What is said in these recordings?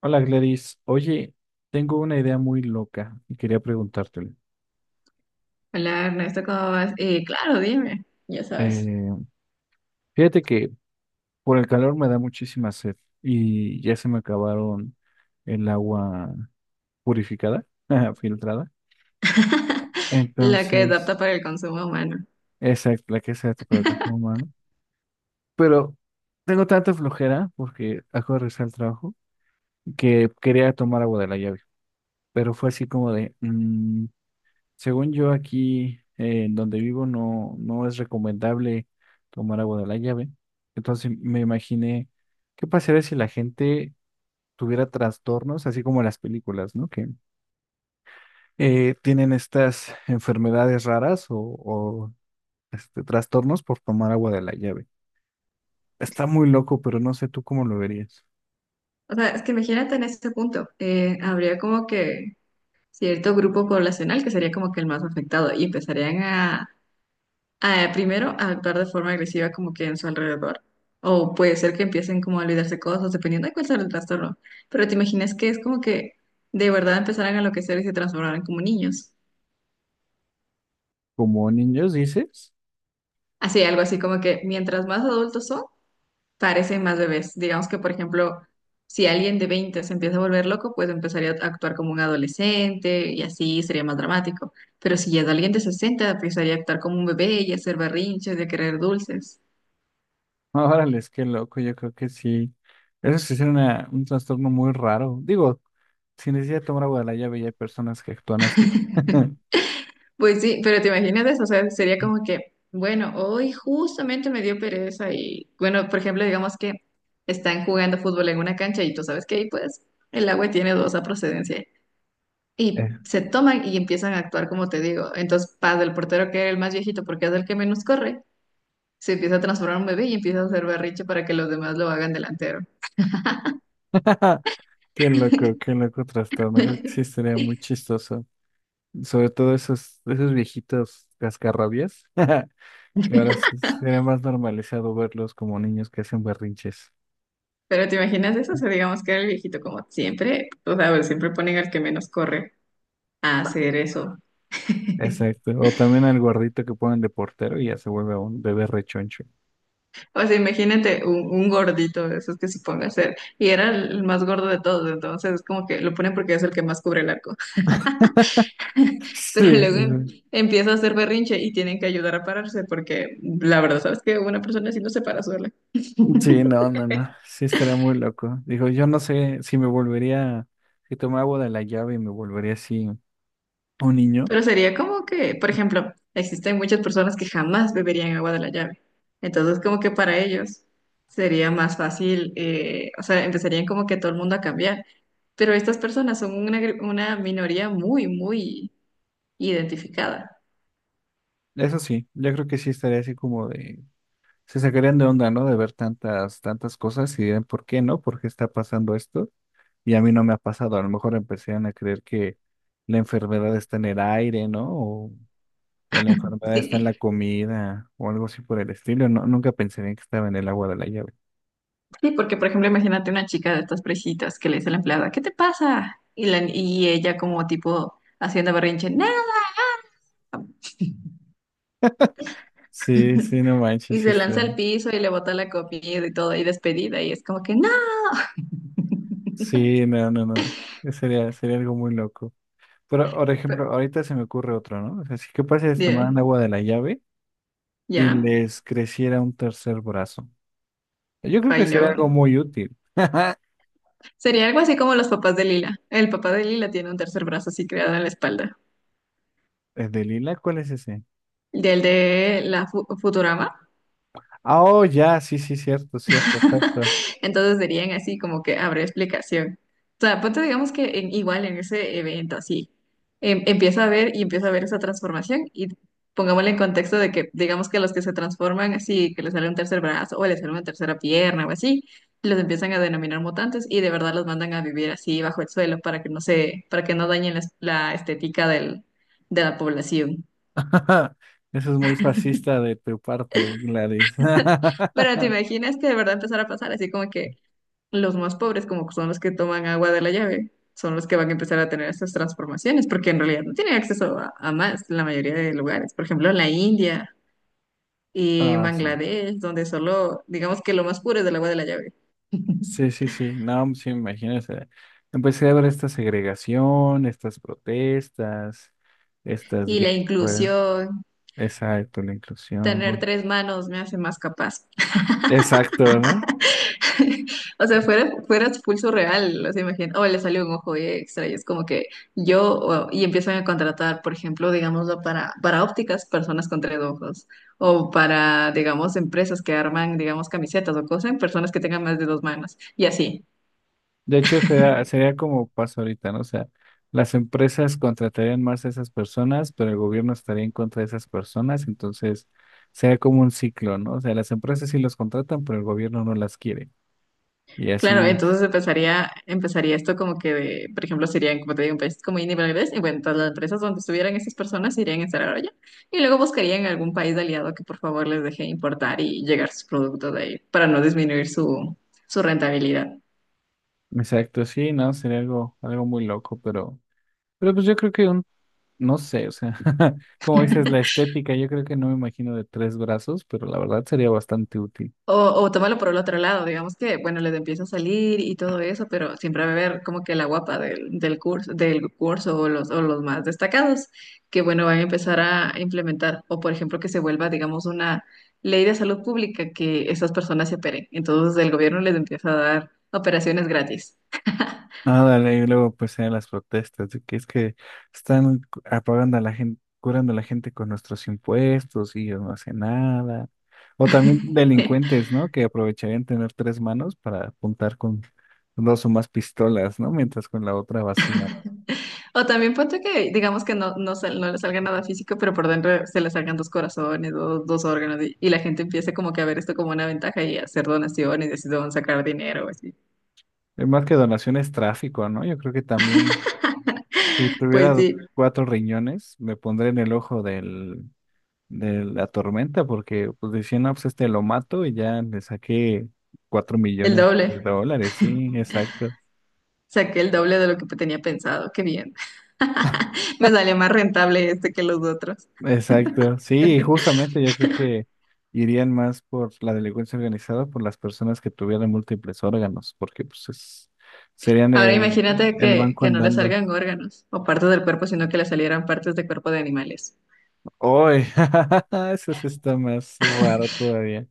Hola Gladys, oye, tengo una idea muy loca y quería preguntártela. Hola Ernesto, ¿cómo vas? Claro, dime, ya sabes. Eh, Fíjate que por el calor me da muchísima sed y ya se me acabaron el agua purificada, ajá, filtrada. La que es Entonces, apta para el consumo humano. exacto, la que se hace para el consumo humano. Pero tengo tanta flojera porque acabo de regresar al trabajo que quería tomar agua de la llave. Pero fue así como de, "Mm, según yo aquí, en donde vivo, no, no es recomendable tomar agua de la llave. Entonces me imaginé qué pasaría si la gente tuviera trastornos, así como en las películas, ¿no? Que tienen estas enfermedades raras trastornos por tomar agua de la llave. Está muy loco, pero no sé tú cómo lo verías. O sea, es que imagínate en ese punto, habría como que cierto grupo poblacional que sería como que el más afectado y empezarían primero a actuar de forma agresiva como que en su alrededor. O puede ser que empiecen como a olvidarse cosas, dependiendo de cuál sea el trastorno. Pero te imaginas que es como que de verdad empezaran a enloquecer y se transformaran como niños. ¿Como niños dices? Así, algo así como que mientras más adultos son, parecen más bebés. Digamos que, por ejemplo, si alguien de 20 se empieza a volver loco, pues empezaría a actuar como un adolescente y así sería más dramático. Pero si ya es alguien de 60, empezaría a actuar como un bebé y a hacer berrinches y a querer dulces. Órale, es que loco, yo creo que sí. Eso sí es un trastorno muy raro. Digo, sin necesidad de tomar agua de la llave, ya hay personas que actúan así. Pues sí, pero te imaginas eso, o sea, sería como que, bueno, hoy justamente me dio pereza y, bueno, por ejemplo, digamos que están jugando fútbol en una cancha y tú sabes que ahí, pues, el agua tiene dos procedencia. Eh. Y se toman y empiezan a actuar como te digo. Entonces, Paz, el portero que era el más viejito porque es el que menos corre, se empieza a transformar en un bebé y empieza a hacer berrinche para que los demás lo hagan delantero. Qué loco trastorno. Creo que sí estaría muy chistoso. Sobre todo esos viejitos cascarrabias, que sería más normalizado verlos como niños que hacen berrinches. Pero ¿te imaginas eso? O sea, digamos que era el viejito como siempre, o sea, pues, siempre ponen al que menos corre a hacer eso. Exacto. O también al gordito que ponen de portero y ya se vuelve un bebé rechoncho. O sea, imagínate un gordito de esos que se ponga a hacer. Y era el más gordo de todos, entonces es como que lo ponen porque es el que más cubre el arco. Pero Sí, sí. luego empieza a hacer berrinche y tienen que ayudar a pararse porque la verdad, sabes que una persona así no se para sola. Sí, no, no, no. Sí, estaría muy loco. Digo, yo no sé si tomaba agua de la llave y me volvería así un niño. Pero sería como que, por ejemplo, existen muchas personas que jamás beberían agua de la llave. Entonces, como que para ellos sería más fácil, o sea, empezarían como que todo el mundo a cambiar. Pero estas personas son una minoría muy, muy identificada, Eso sí, yo creo que sí estaría así como de, se sacarían de onda, ¿no? De ver tantas cosas y dirían, ¿por qué no? ¿Por qué está pasando esto? Y a mí no me ha pasado. A lo mejor empezarían a creer que la enfermedad está en el aire, ¿no? O la enfermedad está en ¿sí? la comida o algo así por el estilo. No, nunca pensarían que estaba en el agua de la llave. Sí, porque por ejemplo, imagínate una chica de estas presitas que le dice a la empleada, ¿qué te pasa? Y ella como tipo haciendo berrinche, no, Sí, sí, no manches, y sí se lanza está. al piso y le bota la comida y todo, y despedida, y es como que no, Sí, no, no, no. Sería algo muy loco. Pero, por ejemplo, pero ahorita se me ocurre otro, ¿no? O sea, si que pasa es ya, tomaran agua de la llave y ya, les creciera un tercer brazo. Yo creo que ay no. sería algo muy útil. Sería algo así como los papás de Lila. El papá de Lila tiene un tercer brazo así creado en la espalda. ¿El de Lila? ¿Cuál es ese? Del de la Futurama. Ah, oh, ya, sí, sí, cierto, cierto, exacto. Entonces serían así como que habrá explicación. O sea, ponte digamos que igual en ese evento así, empieza a ver esa transformación y pongámosle en contexto de que digamos que los que se transforman así, que les sale un tercer brazo o les sale una tercera pierna o así, los empiezan a denominar mutantes y de verdad los mandan a vivir así bajo el suelo para que para que no dañen la estética de la población. Eso es muy fascista de tu parte, Gladys. Pero te imaginas que de verdad empezara a pasar así como que los más pobres, como que son los que toman agua de la llave, son los que van a empezar a tener estas transformaciones, porque en realidad no tienen acceso a más en la mayoría de lugares. Por ejemplo, en la India y en Ah, sí. Bangladesh, donde solo, digamos que lo más puro es el agua de la llave. Sí, sí, sí, no, sí, imagínese. Empecé a ver esta segregación, estas protestas, estas Y la guerras, inclusión, exacto, la inclusión, tener bueno, tres manos me hace más capaz. exacto, ¿no? O sea, fuera expulso real, o sea, imagínate, o le salió un ojo extra y es como que y empiezan a contratar, por ejemplo, digámoslo, para, ópticas, personas con tres ojos, o para, digamos, empresas que arman, digamos, camisetas o cosas, personas que tengan más de dos manos, y así. De hecho, sería como pasa ahorita, ¿no? O sea, las empresas contratarían más a esas personas, pero el gobierno estaría en contra de esas personas, entonces sería como un ciclo, ¿no? O sea, las empresas sí los contratan, pero el gobierno no las quiere. Y Claro, así, entonces empezaría esto como que de, por ejemplo, serían, como te digo, un país como India y Bangladesh, y bueno, todas las empresas donde estuvieran esas personas se irían a instalar allá, y luego buscarían algún país aliado que por favor les deje importar y llegar sus productos de ahí para no disminuir su rentabilidad. exacto, sí, ¿no? Sería algo muy loco, pero... Pero pues yo creo que no sé, o sea, como dices, la estética, yo creo que no me imagino de tres brazos, pero la verdad sería bastante útil. O, o tómalo por el otro lado, digamos que, bueno, les empieza a salir y todo eso, pero siempre va a haber como que la guapa del curso o los más destacados, que bueno, van a empezar a implementar, o por ejemplo, que se vuelva, digamos, una ley de salud pública que esas personas se operen. Entonces el gobierno les empieza a dar operaciones gratis. Ah, dale, y luego pues en las protestas, de que es que apagando a la gente, curando a la gente con nuestros impuestos y ellos no hacen nada. O también delincuentes, ¿no? Que aprovecharían tener tres manos para apuntar con dos o más pistolas, ¿no? Mientras con la otra vacía. O también ponte que, digamos que no, no, no le salga nada físico, pero por dentro se le salgan dos corazones, dos órganos, y la gente empiece como que a ver esto como una ventaja y a hacer donaciones, y así se van a sacar dinero, así. Más que donaciones, tráfico, ¿no? Yo creo que también, si Pues tuviera sí, cuatro riñones, me pondré en el ojo del de la tormenta, porque pues decían, no, pues este lo mato y ya le saqué cuatro el millones de doble. dólares, sí, exacto. Saqué el doble de lo que tenía pensado, qué bien. Me sale más rentable este que los otros. Exacto, sí, justamente yo creo que irían más por la delincuencia organizada, por las personas que tuvieran múltiples órganos, porque serían Ahora imagínate el que, banco que no le andando. salgan órganos o partes del cuerpo, sino que le salieran partes de cuerpo de animales. ¡Uy! Eso sí está más raro todavía.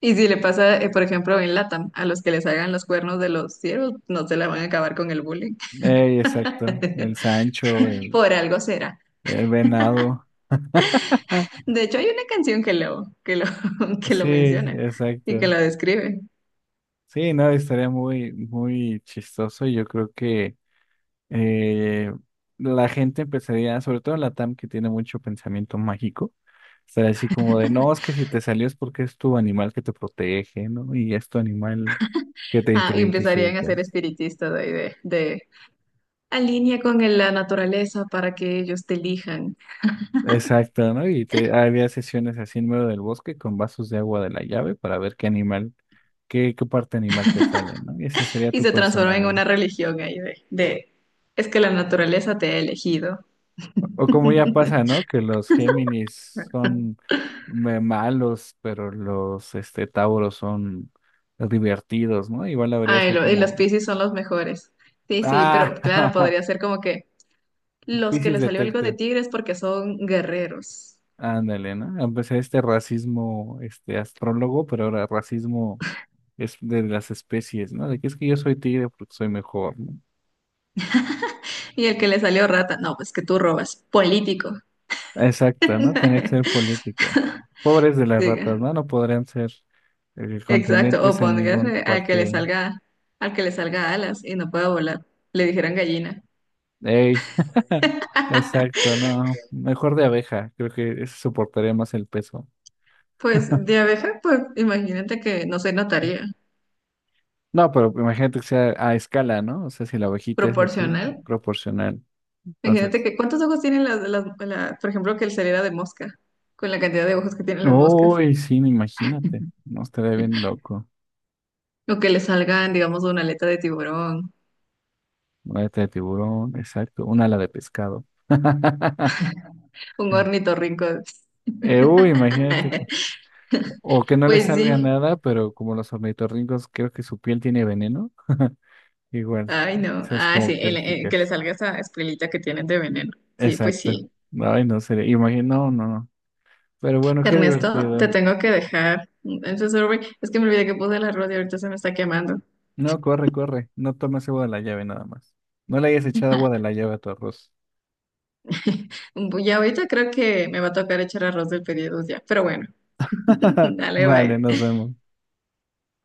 Y si le pasa, por ejemplo, en LATAM, a los que les hagan los cuernos de los ciervos, no se la van a acabar con el bullying. Ey, exacto, Por algo será. el venado. De hecho, hay una canción que lo Sí, menciona y que exacto. lo describe. Sí, no, estaría muy chistoso. Y yo creo que eh, la gente empezaría, sobre todo en la LATAM que tiene mucho pensamiento mágico, estaría así como de, no, es que si te salió es porque es tu animal que te protege, ¿no? Y es tu animal que te Ah, y empezarían a ser identificas. espiritistas de alinea con la naturaleza para que ellos te elijan. Exacto, ¿no? Y te, había sesiones así en medio del bosque con vasos de agua de la llave para ver qué animal, qué parte animal te sale, ¿no? Y ese sería Y tu se transforma en personalidad. una religión ahí de es que la naturaleza te ha elegido. O como ya pasa, ¿no? Que los Géminis son malos, pero los este Tauros son divertidos, ¿no? Igual habría Ah, y, sido lo- y los como, Piscis son los mejores. Sí, sí, ah, pero claro, podría ser como que los que Pisces le salió algo de Detective. tigres porque son guerreros. Ándale, ¿no? Empecé este racismo, este astrólogo, pero ahora racismo es de las especies, ¿no? De que es que yo soy tigre porque soy mejor, ¿no? Y el que le salió rata, no, pues que tú robas, político. Exacto, ¿no? Tenía que ser político. Pobres de las Sí, ratas, ¿no? No podrían ser exacto. O contendientes a ningún póngase al que le partido. salga, al que le salga alas y no pueda volar. Le dijeran gallina. Ey, exacto, no. Mejor de abeja, creo que eso soportaría más el peso. Pues de abeja, pues imagínate que no se notaría. No, pero imagínate que sea a escala, ¿no? O sea, si la abejita es así, Proporcional. proporcional. Imagínate Entonces, que cuántos ojos tienen por ejemplo, que le saliera de mosca, con la cantidad de ojos que tienen las moscas. uy, sí, no, imagínate. No estaría bien loco. O que le salgan, digamos, una aleta de tiburón, Una aleta de tiburón, exacto. Un ala de pescado. un ornitorrinco. Uy, imagínate que. O que no le Pues salga sí. nada, pero como los ornitorrincos, creo que su piel tiene veneno. Igual, Ay, no. esas Ah, sí, el que le características. salga esa escuelita que tienen de veneno. Sí, pues Exacto. sí. Ay, no sería. Imagino, no, no, no. Pero bueno, qué Ernesto, te divertido. tengo que dejar. Entonces, sorry, es que me olvidé que puse el arroz y ahorita se me está quemando. No, corre, corre. No tomes agua de la llave nada más. No le hayas echado agua de la llave a tu arroz. Ya ahorita creo que me va a tocar echar arroz del pedido ya. Pero bueno, dale, Vale, bye. nos vemos.